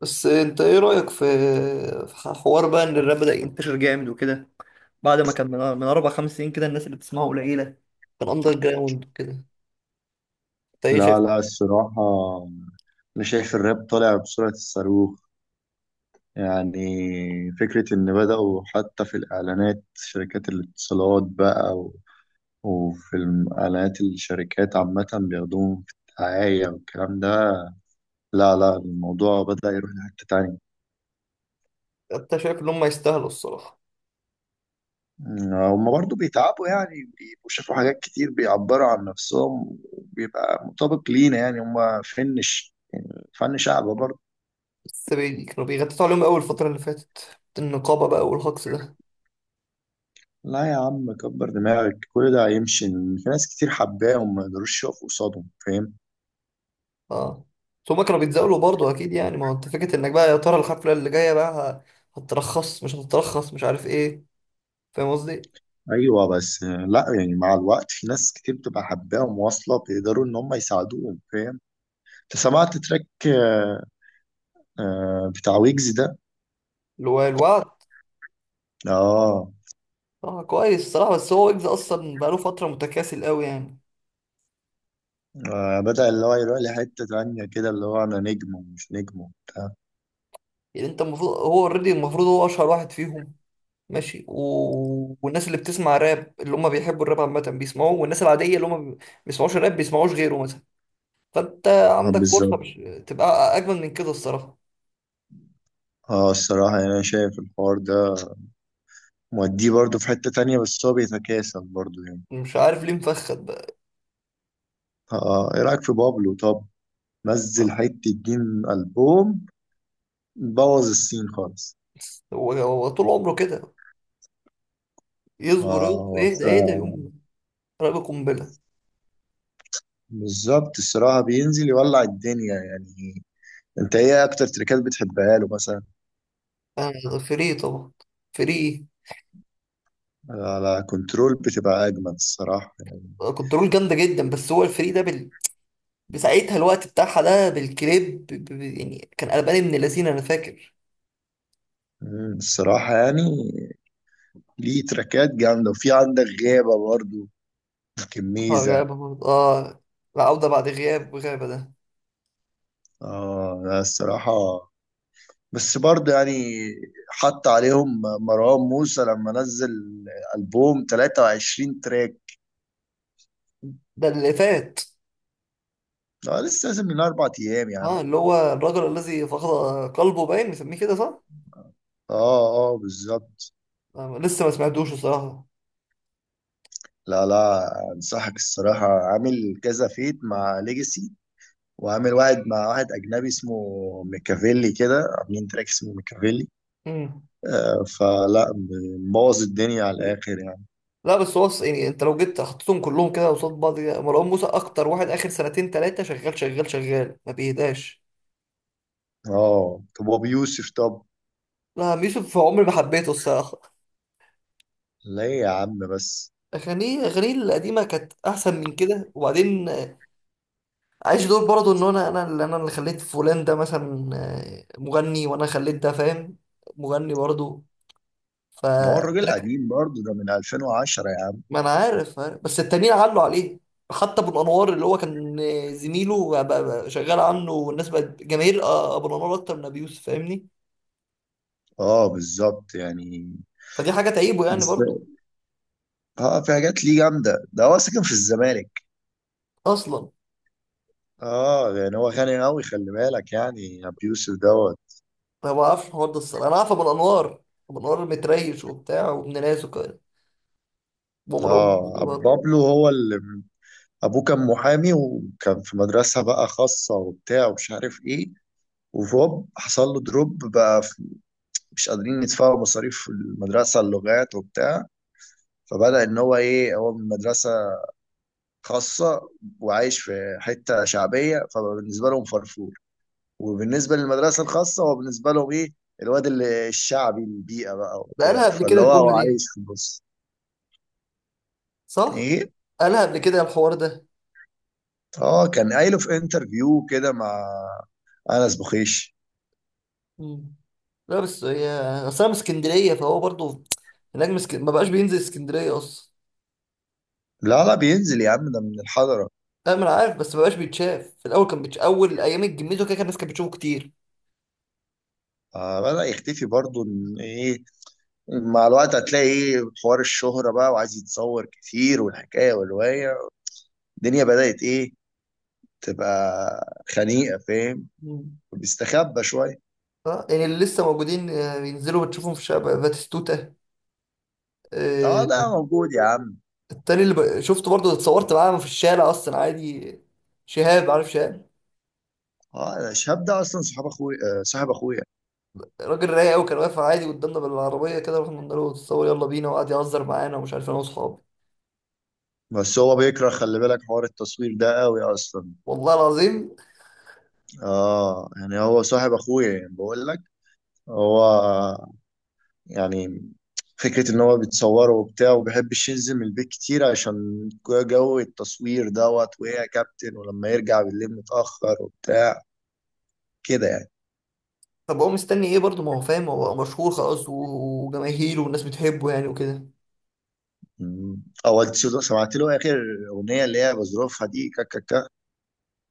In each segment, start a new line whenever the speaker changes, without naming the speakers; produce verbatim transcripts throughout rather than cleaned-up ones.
بس انت ايه رأيك في في حوار بقى ان الراب بدأ ينتشر جامد وكده، بعد ما كان من من اربع خمس سنين كده الناس اللي بتسمعه قليلة، كان اندر جراوند وكده. انت ايه شايف؟
لا لا، الصراحة أنا شايف الراب طالع بسرعة الصاروخ. يعني فكرة إن بدأوا حتى في الإعلانات شركات الاتصالات بقى و... وفي الم- إعلانات الشركات عامة بياخدوهم في الدعاية والكلام ده. لا لا، الموضوع بدأ يروح لحتة تانية.
انت شايف ان هم يستاهلوا الصراحة؟
أمم، هما برضه بيتعبوا، يعني بيبقوا شافوا حاجات كتير، بيعبروا عن نفسهم وبيبقى مطابق لينا، يعني هما فن ش- فن شعب.
بس بي... كانوا بيغطوا عليهم قوي الفترة اللي فاتت، النقابة بقى والهجص ده.
لا يا عم كبر دماغك، كل ده هيمشي، إن في ناس كتير حباه وما يقدروش يقفوا قصادهم، فاهم؟
اه. بس هم كانوا بيتزاولوا برضه اكيد، يعني ما هو انت فكرة انك بقى يا ترى الحفلة اللي جاية بقى ه- هترخص مش هتترخص مش عارف ايه. فاهم قصدي؟
ايوه بس آه، لا يعني مع الوقت في ناس كتير بتبقى حباه ومواصله بيقدروا ان هم يساعدوهم، فاهم؟ انت سمعت تراك آه، آه، بتاع ويجز ده؟
اللي هو الوعد.
اه.
اه كويس الصراحة، بس هو ويجز اصلا بقاله فترة متكاسل قوي يعني.
آه، بدأ اللي هو يروح لحته تانية كده، اللي هو انا نجم ومش نجم وبتاع.
يعني انت المفروض هو اوريدي، المفروض هو اشهر واحد فيهم. ماشي و... والناس اللي بتسمع راب اللي هم بيحبوا الراب عامة بيسمعوه، والناس العادية اللي هم ما بيسمعوش راب بيسمعوش غيره مثلا، فانت
اه
عندك فرصة
بالظبط.
مش... تبقى اجمل من كده الصراحة.
اه الصراحه يعني انا شايف الحوار ده موديه برضه في حته تانية، بس هو بيتكاسل برضه يعني.
مش عارف ليه مفخد بقى.
اه، آه، ايه رايك في بابلو طب؟ نزل حتة جيم ألبوم، بوظ السين خالص.
هو هو طول عمره كده، يصبر
اه
يصبر،
هو
اهدى اهدى،
الصراحة-
يقوم راب قنبلة.
بالظبط الصراحة، بينزل يولع الدنيا يعني. انت ايه اكتر تريكات بتحبها له مثلا؟
انا فري طبعا. فري
على كنترول بتبقى اجمد الصراحة.
كنترول جامدة جدا، بس هو الفري ده بال... بساعتها، الوقت بتاعها ده بالكليب ب... ب- يعني كان قلبان من اللذين انا فاكر.
مم، الصراحة يعني ليه تريكات جامدة، وفي عندك غابة برضو
اه
كميزة.
غابة برضه اه، العودة بعد غياب، غابة ده.
اه لا الصراحة، بس برضه يعني حط عليهم مروان موسى لما نزل ألبوم ثلاثة وعشرين تراك.
ده اللي فات.
اه لسه، لازم من اربع ايام يا عم.
اه اللي هو الرجل الذي فقد قلبه، باين مسميه كده صح؟
اه. اه بالظبط.
آه لسه ما سمعتوش الصراحة.
لا لا، انصحك الصراحه، عامل كذا فيت مع ليجاسي، وعامل واحد مع واحد اجنبي اسمه ميكافيلي، كده عاملين تراك اسمه ميكافيلي.
مم.
آه فلا، مبوظ الدنيا على الاخر يعني.
لا بس هو أص- يعني انت لو جيت حطيتهم كلهم كده قصاد بعض كده، مروان موسى اكتر واحد اخر سنتين تلاتة شغال شغال شغال ما بيهداش.
اه طب ابو يوسف طب؟
لا عم يوسف عمري ما حبيته الصراحة.
ليه يا عم بس؟
اغانيه اغانيه القديمة كانت احسن من كده، وبعدين عايش دور برضه ان انا انا اللي انا اللي خليت فلان ده مثلا آه، مغني، وانا خليت ده فاهم، مغني برضه. ف
ما هو الراجل قديم برضه، ده من ألفين وعشرة يا عم.
ما انا عارف عارف. بس التانيين علوا عليه. حتى ابو الانوار اللي هو كان آه، زميله بقى بقى شغال عنه والناس بقت جماهير آه، ابو الانوار اكتر من ابي يوسف، فاهمني.
اه بالظبط يعني.
فدي حاجه تعيبه يعني
بس-
برضو.
اه في حاجات ليه جامده، ده هو ساكن في الزمالك.
اصلا
اه يعني هو غني قوي خلي بالك، يعني ابو يوسف دوت.
انا ما بعرفش الحوار ده الصراحه، انا عارف ابو الانوار. ابو الانوار متريش وبتاع وابن ناس وكده، ومرام
اه أبو
برضه.
بابلو، هو اللي ابوه كان محامي، وكان في مدرسة بقى خاصة وبتاع ومش عارف ايه، وفوب حصل له دروب بقى في- مش قادرين يدفعوا مصاريف المدرسة اللغات وبتاع. فبدأ ان هو ايه، هو من مدرسة خاصة وعايش في حتة شعبية، فبالنسبة لهم فرفور، وبالنسبة للمدرسة الخاصة هو بالنسبة لهم ايه، الواد اللي الشعبي البيئة بقى
ده قالها
وبتاع،
قبل كده
فاللي هو
الجمله
هو عايش
دي،
في النص.
صح؟
ايه؟
قالها قبل كده الحوار ده.
اه كان قايله في انترفيو كده مع انس بخيش.
مم. لا بس هي، اصل انا من اسكندريه، فهو برضه هناك من اسك- ما بقاش بينزل اسكندريه اصلا.
لا لا بينزل يا عم، ده من الحضره.
انا ما أنا عارف، بس ما بقاش بيتشاف، في الاول كان بيتش... اول ايام الجميزه كده كان الناس كانت بتشوفه كتير.
آه بدأ يختفي برضه، إن ايه، مع الوقت هتلاقي ايه، حوار الشهره بقى وعايز يتصور كتير والحكايه والروايه، الدنيا بدأت ايه، تبقى خنيقه، فاهم؟
مم.
بيستخبى شويه.
اه يعني اللي لسه موجودين آه، بينزلوا بتشوفهم في الشارع، باتيستوتا
اه
آه،
ده موجود يا عم.
التاني اللي ب... شفته برضه، اتصورت معاه في الشارع اصلا عادي. شهاب، عارف شهاب؟
اه شهاب ده اصلا صاحب اخويا، آه صاحب اخويا.
راجل رايق قوي، كان واقف عادي قدامنا بالعربيه كده، رحنا قلنا له اتصور يلا بينا، وقعد يهزر معانا ومش عارف، انا واصحابي.
بس هو بيكره خلي بالك حوار التصوير ده قوي اصلا.
والله العظيم.
اه يعني هو صاحب اخويا، يعني بقول لك، هو يعني فكرة إن هو بيتصوره وبتاع، ومبيحبش ينزل من البيت كتير عشان جو التصوير دوت وهي يا كابتن، ولما يرجع بالليل متأخر وبتاع كده يعني.
طب هو مستني ايه برضه، ما هو فاهم هو مشهور خلاص و- وجماهيره والناس بتحبه يعني وكده.
مم. أو أنت شو- سمعت له آخر أغنية اللي هي بظروفها دي كا كا كا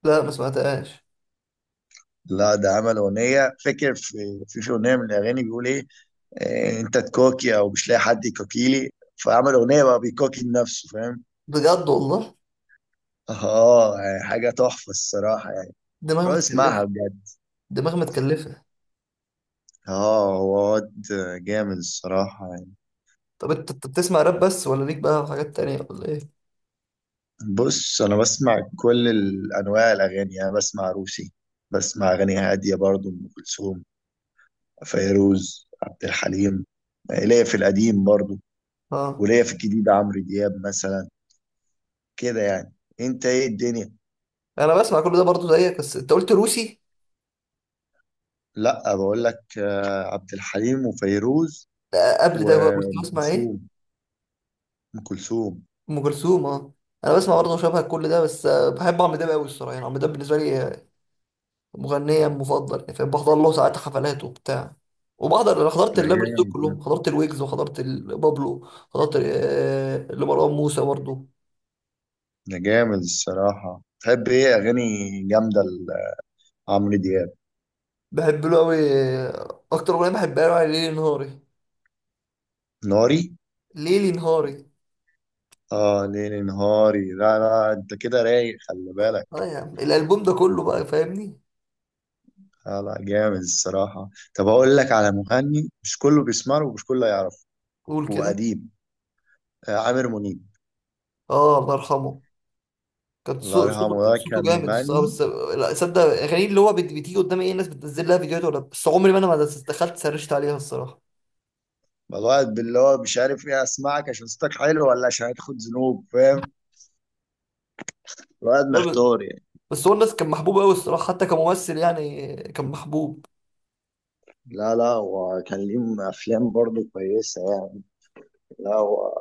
لا ما سمعتهاش.
لا ده عمل أغنية، فاكر في في في أغنية من الأغاني بيقول إيه، آه، أنت تكوكي أو مش لاقي حد يكوكيلي، فعمل أغنية بقى بيكوكي لنفسه، فاهم؟
بجد والله.
آه يعني حاجة تحفة الصراحة يعني.
دماغ
روح اسمعها
متكلفة.
بجد.
دماغ متكلفة.
اه هو واد جامد الصراحة يعني.
طب انت، أنت بتسمع راب بس ولا ليك بقى في حاجات تانية ولا ايه؟
بص أنا بسمع كل ال- أنواع الأغاني، يعني بسمع روسي، بسمع أغاني هادية برضو، أم كلثوم، فيروز، عبد الحليم، آه، ليا في القديم برضو،
اه
وليا في الجديد عمرو دياب مثلا كده يعني. أنت إيه الدنيا؟
انا بسمع كل ده برضه زيك، بس انت قلت روسي.
لأ بقول لك آه، عبد الحليم وفيروز
آه، قبل ده بقى قلت
وأم
بسمع ايه؟
كلثوم أم كلثوم
ام كلثوم، اه. انا بسمع برضه شبه كل ده، بس آه، بحب عمرو دياب قوي الصراحة يعني، عمرو دياب بالنسبة لي مغنية المفضل يعني فاهم، بحضر له ساعات حفلات وبتاع، وبحضر، انا حضرت
ده
اللابلوس دول
جامد ده.
كلهم، حضرت الويجز وحضرت ال- بابلو، حضرت آه، لمروان موسى برضه.
ده جامد الصراحة. تحب إيه أغاني جامدة لعمرو دياب؟
بحب له قوي. اكتر اغنيه بحبها له يعني ليلي نهاري.
ناري؟
ليلي نهاري.
اه ليلي نهاري، لا لا انت كده رايق خلي بالك.
اه يا عم الالبوم ده كله بقى فاهمني.
لا لا جامد الصراحة. طب هقول لك على مغني مش كله بيسمع له ومش كله يعرفه،
قول كده.
وقديم، آه عامر منيب.
اه الله يرحمه، كان
الله
صو- صوته،
يرحمه
كان
ده
صوته
كان
جامد الصراحه،
مغني،
بس لا، صدق اغاني اللي هو بت- بتيجي قدامي ايه، الناس بتنزل لها فيديوهات ولا بس، عمري ما انا ما دخلت سرشت عليها الصراحه.
الواحد باللي هو مش عارف ايه، اسمعك عشان صوتك حلو ولا عشان هتاخد ذنوب، فاهم؟ الواحد
لا،
محتار يعني.
بس هو الناس كان محبوب قوي الصراحه، حتى كممثل يعني كان محبوب.
لا لا، وكان ليه افلام برضه كويسه يعني. لا هو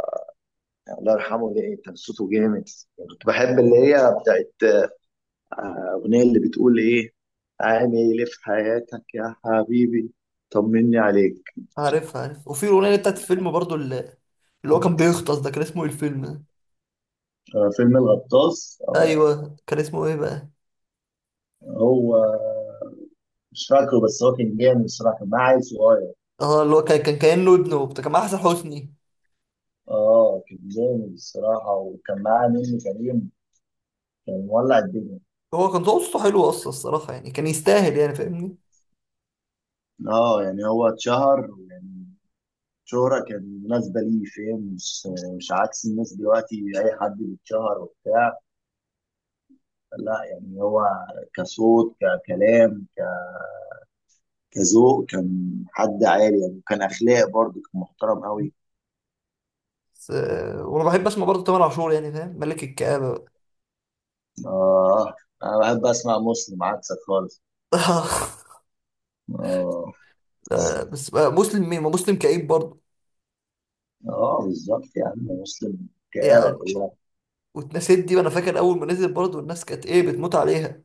يعني الله يرحمه ده إيه، كان صوته جامد. كنت بحب اللي هي بتاعت، آه، أغنية اللي بتقول إيه، عامل إيه في حياتك يا حبيبي، طمني عليك.
عارف عارف، وفي الاغنيه بتاعت الفيلم برضو، اللي, اللي هو كان بيغطس ده، كان اسمه ايه الفيلم ده؟
آه، فيلم الغطاس، آه،
ايوه كان اسمه ايه بقى؟
هو مش فاكره، بس هو كان جامد الصراحة، كان معاه عيل صغير.
اه اللي هو كان كان كانه ابنه وبتاع، كان مع احسن حسني.
اه كان جامد الصراحة، وكان معاه نيللي كريم، كان مولع الدنيا.
هو كان صوته حلو اصلا الصراحه يعني، كان يستاهل يعني فاهمني.
اه يعني هو اتشهر يعني شهرة كان مناسبة ليه، فاهم؟ مش مش عكس الناس دلوقتي أي حد بيتشهر وبتاع. لا يعني هو كصوت، ككلام، كذوق، كان حد عالي يعني، وكان اخلاق برضه، كان محترم قوي.
بس آه، وانا بحب اسمع برضه تامر عاشور يعني فاهم، ملك الكآبة بقى.
اه انا بحب اسمع مسلم، عكسك خالص. اه.
لا، بس بقى مسلم مين؟ ما مسلم كئيب برضه
اه بالظبط يا عم، مسلم كآبة
يعني.
كلها.
واتنسيت دي، وانا فاكر اول ما نزل برضه الناس كانت ايه بتموت عليها،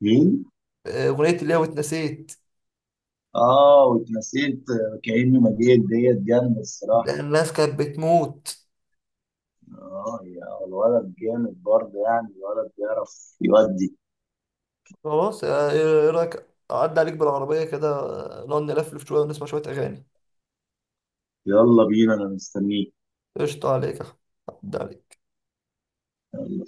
مين؟
آه، اغنية اللي هي واتنسيت.
اه واتنسيت، آه، كأني ما جيت ديت جنب
ده
الصراحة.
الناس كانت بتموت.
اه يا الولد جامد برضه يعني، الولد بيعرف يودي.
خلاص آه، ايه، إيه رايك اعدي عليك بالعربية كده، آه، نقعد نلفلف شوية ونسمع شوية اغاني؟
يلا بينا انا مستنيك.
قشطة عليك يا أحمد. عدى عليك.
يلا.